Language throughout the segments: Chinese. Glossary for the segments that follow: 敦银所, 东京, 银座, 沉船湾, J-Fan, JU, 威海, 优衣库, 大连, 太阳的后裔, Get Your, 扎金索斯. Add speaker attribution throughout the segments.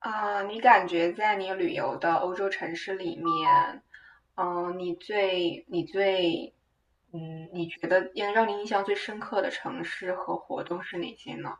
Speaker 1: 啊，你感觉在你旅游的欧洲城市里面，你最你最，你觉得让你印象最深刻的城市和活动是哪些呢？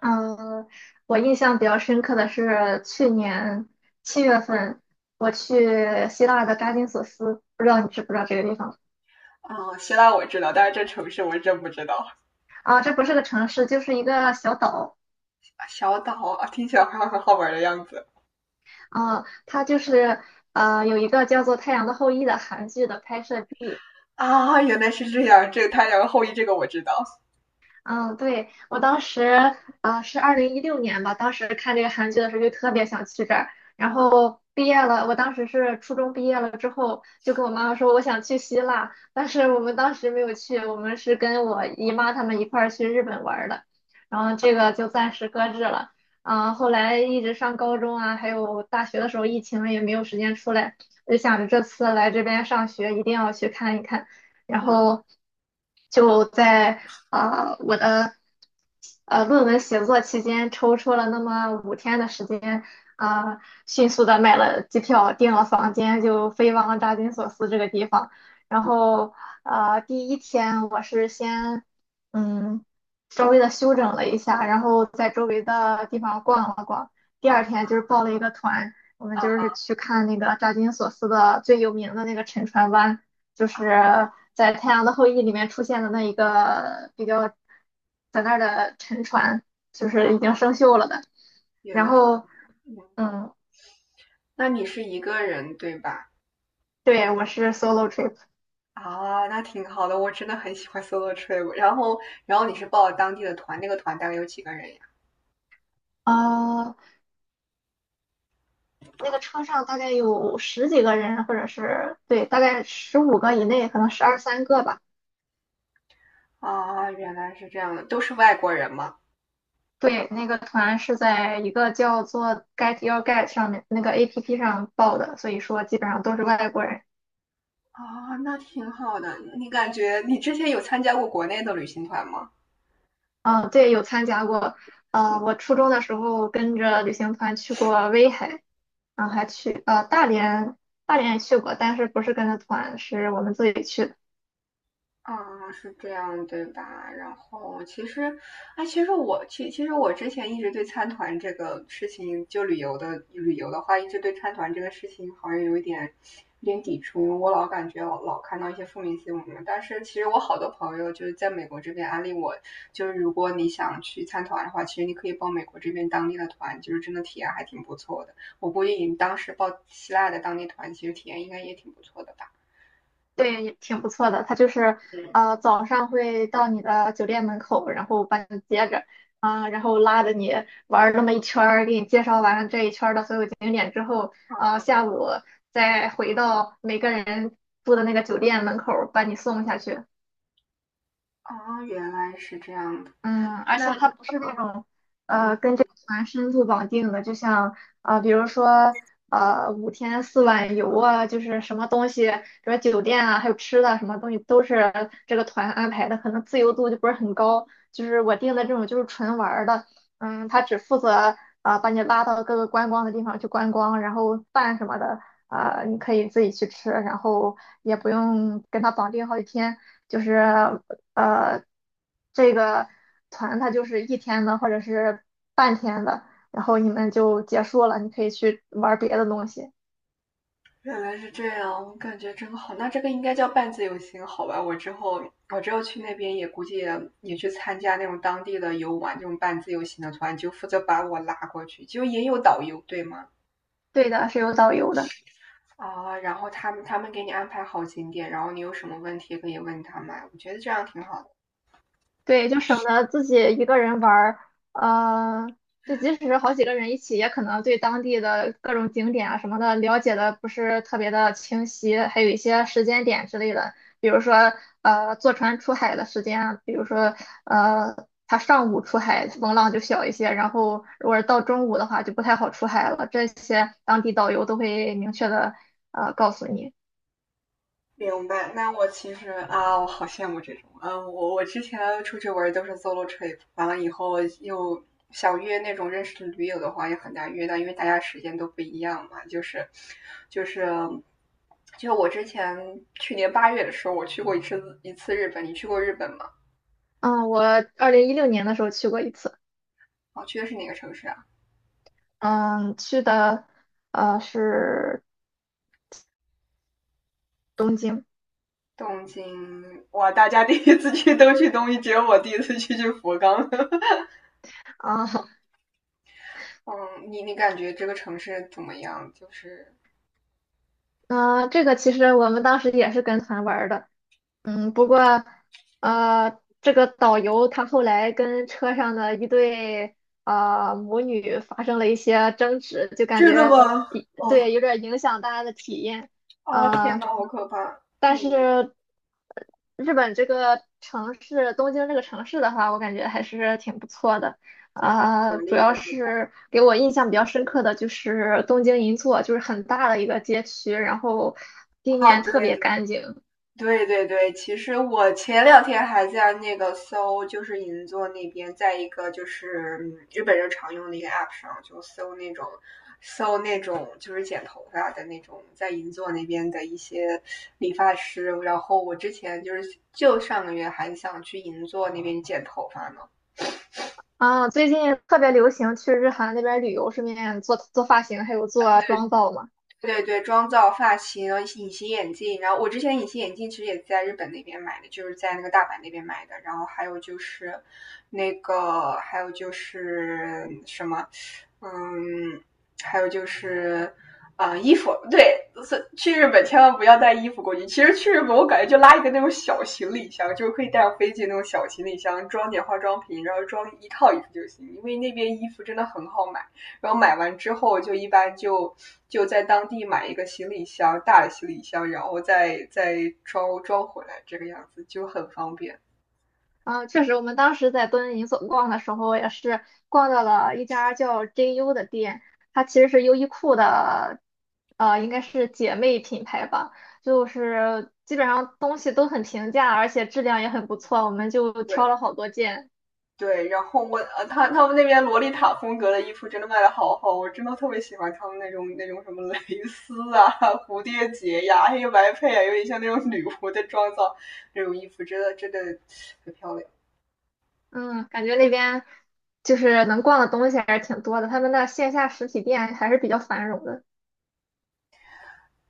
Speaker 2: 嗯，我印象比较深刻的是去年七月份，我去希腊的扎金索斯，不知道你知不知道这个地方
Speaker 1: 嗯，希腊我知道，但是这城市我真不知道。
Speaker 2: 啊？这不是个城市，就是一个小岛
Speaker 1: 小岛啊，听起来好像很好玩的样子。
Speaker 2: 啊。它就是有一个叫做《太阳的后裔》的韩剧的拍摄地。
Speaker 1: 啊，原来是这样，这个太阳后裔这个我知道。
Speaker 2: 嗯，对，我当时啊，是二零一六年吧，当时看这个韩剧的时候就特别想去这儿，然后毕业了，我当时是初中毕业了之后，就跟我妈妈说我想去希腊，但是我们当时没有去，我们是跟我姨妈他们一块儿去日本玩儿的，然后这个就暂时搁置了。后来一直上高中啊，还有大学的时候，疫情了也没有时间出来，我就想着这次来这边上学一定要去看一看，然
Speaker 1: 嗯。
Speaker 2: 后。就在啊，我的论文写作期间抽出了那么五天的时间，啊，迅速的买了机票，订了房间，就飞往了大金索斯这个地方。然后第一天我是先嗯稍微的休整了一下，然后在周围的地方逛了逛。第二
Speaker 1: 啊。
Speaker 2: 天就是报了一个团，我们
Speaker 1: 啊
Speaker 2: 就是
Speaker 1: 哈。
Speaker 2: 去看那个扎金索斯的最有名的那个沉船湾。就是
Speaker 1: 啊
Speaker 2: 在《太阳的后裔》里面出现的那一个比较在那儿的沉船，就
Speaker 1: 啊，
Speaker 2: 是已经生锈了的。
Speaker 1: 原
Speaker 2: 然
Speaker 1: 来是
Speaker 2: 后，
Speaker 1: 这样。
Speaker 2: 嗯，
Speaker 1: 那你是一个人对吧？
Speaker 2: 对，我是 solo trip，
Speaker 1: 啊，那挺好的，我真的很喜欢 solo trip。然后，然后你是报了当地的团，那个团大概有几个人呀？
Speaker 2: 啊，那个车上大概有10几个人，或者是对，大概15个以内，可能12、3个吧。
Speaker 1: 啊，原来是这样的，都是外国人吗？
Speaker 2: 对，那个团是在一个叫做 GetYourGuide 上面那个 APP 上报的，所以说基本上都是外国人。
Speaker 1: 啊，那挺好的。你感觉你之前有参加过国内的旅行团吗？
Speaker 2: 嗯，对，有参加过。我初中的时候跟着旅行团去过威海，然后还去大连，大连也去过，但是不是跟着团，是我们自己去的。
Speaker 1: 啊，是这样，对吧？然后其实，哎，其实我其实我之前一直对参团这个事情，就旅游的话，一直对参团这个事情好像有一点有点抵触，因为我老感觉老看到一些负面新闻。但是其实我好多朋友就是在美国这边安利我，就是如果你想去参团的话，其实你可以报美国这边当地的团，就是真的体验还挺不错的。我估计你当时报希腊的当地团，其实体验应该也挺不错的吧？
Speaker 2: 对，也挺不错的。它就是
Speaker 1: 嗯。
Speaker 2: 早上会到你的酒店门口，然后把你接着，然后拉着你玩儿那么一圈儿，给你介绍完这一圈儿的所有景点之后，
Speaker 1: 啊。
Speaker 2: 下午再回到每个人住的那个酒店门口儿把你送下去。
Speaker 1: 哦，原来是这样的。
Speaker 2: 嗯，而且
Speaker 1: 那
Speaker 2: 它不是那种
Speaker 1: 嗯，
Speaker 2: 跟这个团深度绑定的，就像比如说5天4晚游啊，就是什么东西，比如酒店啊，还有吃的什么东西都是这个团安排的，可能自由度就不是很高。就是我订的这种就是纯玩儿的，嗯，他只负责把你拉到各个观光的地方去观光，然后饭什么的你可以自己去吃，然后也不用跟他绑定好几天。就是呃，这个团它就是一天的或者是半天的，然后你们就结束了，你可以去玩儿别的东西。
Speaker 1: 原来是这样，我感觉真好。那这个应该叫半自由行，好吧？我之后去那边估计也去参加那种当地的游玩这种半自由行的团，就负责把我拉过去，就也有导游，对吗？
Speaker 2: 对的，是有导游的。
Speaker 1: 啊，然后他们给你安排好景点，然后你有什么问题可以问他们，我觉得这样挺好的。
Speaker 2: 对，就省得自己一个人玩儿，呃，就即使是好几个人一起，也可能对当地的各种景点啊什么的了解的不是特别的清晰，还有一些时间点之类的，比如说坐船出海的时间啊，比如说他上午出海风浪就小一些，然后如果是到中午的话就不太好出海了，这些当地导游都会明确的告诉你。
Speaker 1: 明白，那我其实啊，我好羡慕这种。嗯，我之前出去玩都是 solo trip,完了以后又想约那种认识的驴友的话也很难约到，因为大家时间都不一样嘛。就是，就我之前去年8月的时候，我去过一次日本。你去过日本吗？
Speaker 2: 嗯，我二零一六年的时候去过一次。
Speaker 1: 啊，去的是哪个城市啊？
Speaker 2: 嗯，去的是东京。
Speaker 1: 东京。哇，大家第一次去都去东京，只有我第一次去福冈。
Speaker 2: 啊，
Speaker 1: 嗯，你感觉这个城市怎么样？就是
Speaker 2: 那、这个其实我们当时也是跟团玩儿的，嗯，不过这个导游他后来跟车上的一对母女发生了一些争执，就感
Speaker 1: 真的
Speaker 2: 觉
Speaker 1: 吗？
Speaker 2: 一
Speaker 1: 哦。
Speaker 2: 对有点儿影响大家的体验，
Speaker 1: 哦，天呐，
Speaker 2: 啊，
Speaker 1: 好可怕！嗯，
Speaker 2: 但是日本这个城市，东京这个城市的话，我感觉还是挺不错的。
Speaker 1: 就挺有活
Speaker 2: 主
Speaker 1: 力
Speaker 2: 要
Speaker 1: 的，对吧？
Speaker 2: 是给我印象比较深刻的就是东京银座，就是很大的一个街区，然后地
Speaker 1: 啊，
Speaker 2: 面
Speaker 1: 对
Speaker 2: 特别
Speaker 1: 对
Speaker 2: 干净。
Speaker 1: 对对对，其实我前两天还在那个搜，就是银座那边，在一个就是日本人常用的一个 app 上，就搜那种就是剪头发的那种，在银座那边的一些理发师。然后我之前就是就上个月还想去银座那边剪头发呢。
Speaker 2: 最近特别流行去日韩那边旅游，顺便做做发型，还有做妆造嘛。
Speaker 1: 对对，妆造、发型、隐形眼镜，然后我之前隐形眼镜其实也在日本那边买的，就是在那个大阪那边买的，然后还有就是那个，还有就是什么，嗯，还有就是衣服，对，是去日本千万不要带衣服过去。其实去日本我感觉就拉一个那种小行李箱，就是可以带上飞机那种小行李箱，装点化妆品，然后装一套衣服就行，因为那边衣服真的很好买。然后买完之后，一般就在当地买一个行李箱，大的行李箱，然后再装装回来，这个样子就很方便。
Speaker 2: 啊，确实，我们当时在敦银所逛的时候，也是逛到了一家叫 JU 的店，它其实是优衣库的，应该是姐妹品牌吧，就是基本上东西都很平价，而且质量也很不错，我们就挑
Speaker 1: 对
Speaker 2: 了好多件，
Speaker 1: 对，然后我他们那边洛丽塔风格的衣服真的卖的好好，我真的特别喜欢他们那种什么蕾丝啊、蝴蝶结呀、黑白配啊，有点像那种女仆的妆造，那种衣服真的很漂亮。
Speaker 2: 嗯，感觉那边就是能逛的东西还是挺多的，他们的线下实体店还是比较繁荣的。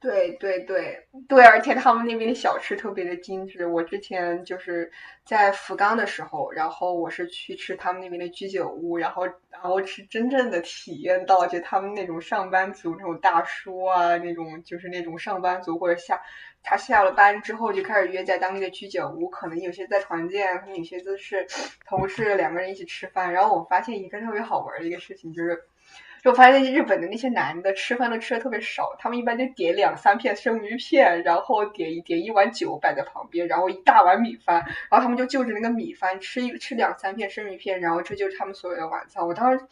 Speaker 1: 对对对对，而且他们那边的小吃特别的精致。我之前就是在福冈的时候，然后我是去吃他们那边的居酒屋，然后是真正的体验到就他们那种上班族那种大叔啊，那种就是那种上班族或者下他下了班之后就开始约在当地的居酒屋，可能有些在团建，可能有些就是 同事两个人一起吃饭。然后我发现一个特别好玩的一个事情就是。就我发现日本的那些男的吃饭都吃的特别少，他们一般就点两三片生鱼片，然后点一碗酒摆在旁边，然后一大碗米饭，然后他们就就着那个米饭吃两三片生鱼片，然后这就是他们所有的晚餐。我当时，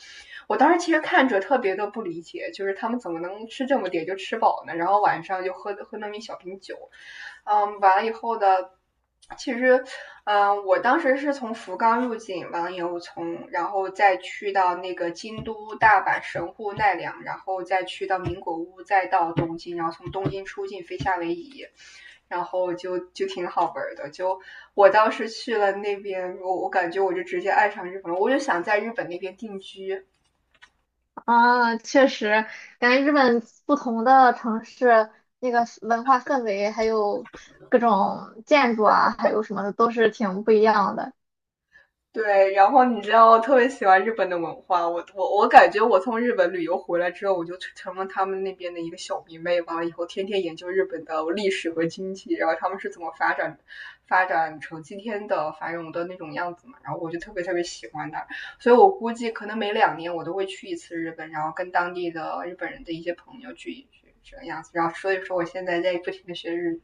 Speaker 1: 我当时其实看着特别的不理解，就是他们怎么能吃这么点就吃饱呢？然后晚上就喝那么一小瓶酒，嗯，完了以后的。其实，我当时是从福冈入境，完了以后从，然后再去到那个京都、大阪、神户、奈良，然后再去到名古屋，再到东京，然后从东京出境飞夏威夷，然后就挺好玩的。就我当时去了那边，我感觉我就直接爱上日本了，我就想在日本那边定居。
Speaker 2: 啊，确实，感觉日本不同的城市那个文化氛围，还有各种建筑啊，还有什么的，都是挺不一样的。
Speaker 1: 对，然后你知道，我特别喜欢日本的文化。我感觉我从日本旅游回来之后，我就成了他们那边的一个小迷妹完了以后天天研究日本的历史和经济，然后他们是怎么发展成今天的繁荣的那种样子嘛。然后我就特别喜欢那，所以我估计可能每2年我都会去一次日本，然后跟当地的日本人的一些朋友聚一聚这个样子。然后所以说我现在在不停的学日语。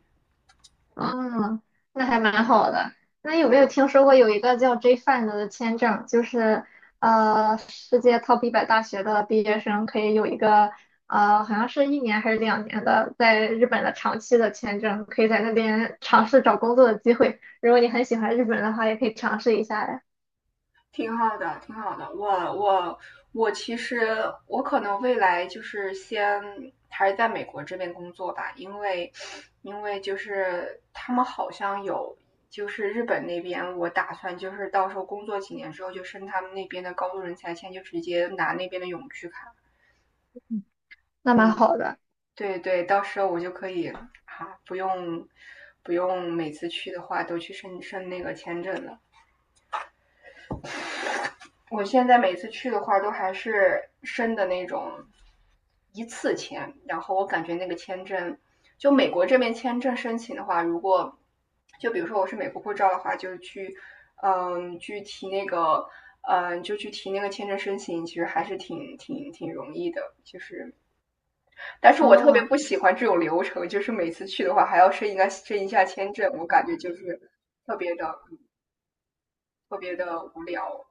Speaker 2: 嗯，那还蛮好的。那有没有听说过有一个叫 J-Fan 的签证，就是世界 Top 100大学的毕业生可以有一个好像是1年还是2年的，在日本的长期的签证，可以在那边尝试找工作的机会。如果你很喜欢日本的话，也可以尝试一下。呀。
Speaker 1: 挺好的，挺好的。我我其实我可能未来就是先还是在美国这边工作吧，因为就是他们好像有就是日本那边，我打算就是到时候工作几年之后就申他们那边的高度人才签，就直接拿那边的永居卡。
Speaker 2: 那蛮
Speaker 1: 嗯，
Speaker 2: 好的。
Speaker 1: 对对，到时候我就可以啊，不用不用每次去的话都去申那个签证了。我现在每次去的话，都还是申的那种一次签，然后我感觉那个签证，就美国这边签证申请的话，如果就比如说我是美国护照的话，就去去提那个就去提那个签证申请，其实还是挺容易的，就是但是我特别
Speaker 2: 哦，
Speaker 1: 不喜欢这种流程，就是每次去的话还要申一个申一下签证，我感觉就是特别的特别的无聊，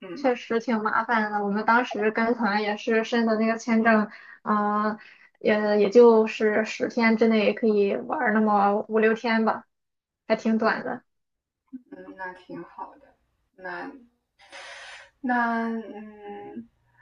Speaker 1: 嗯。
Speaker 2: 确实挺麻烦的。我们当时跟团也是申的那个签证，嗯、也也就是10天之内可以玩儿那么5、6天吧，还挺短的。
Speaker 1: 嗯，那挺好的。那那嗯，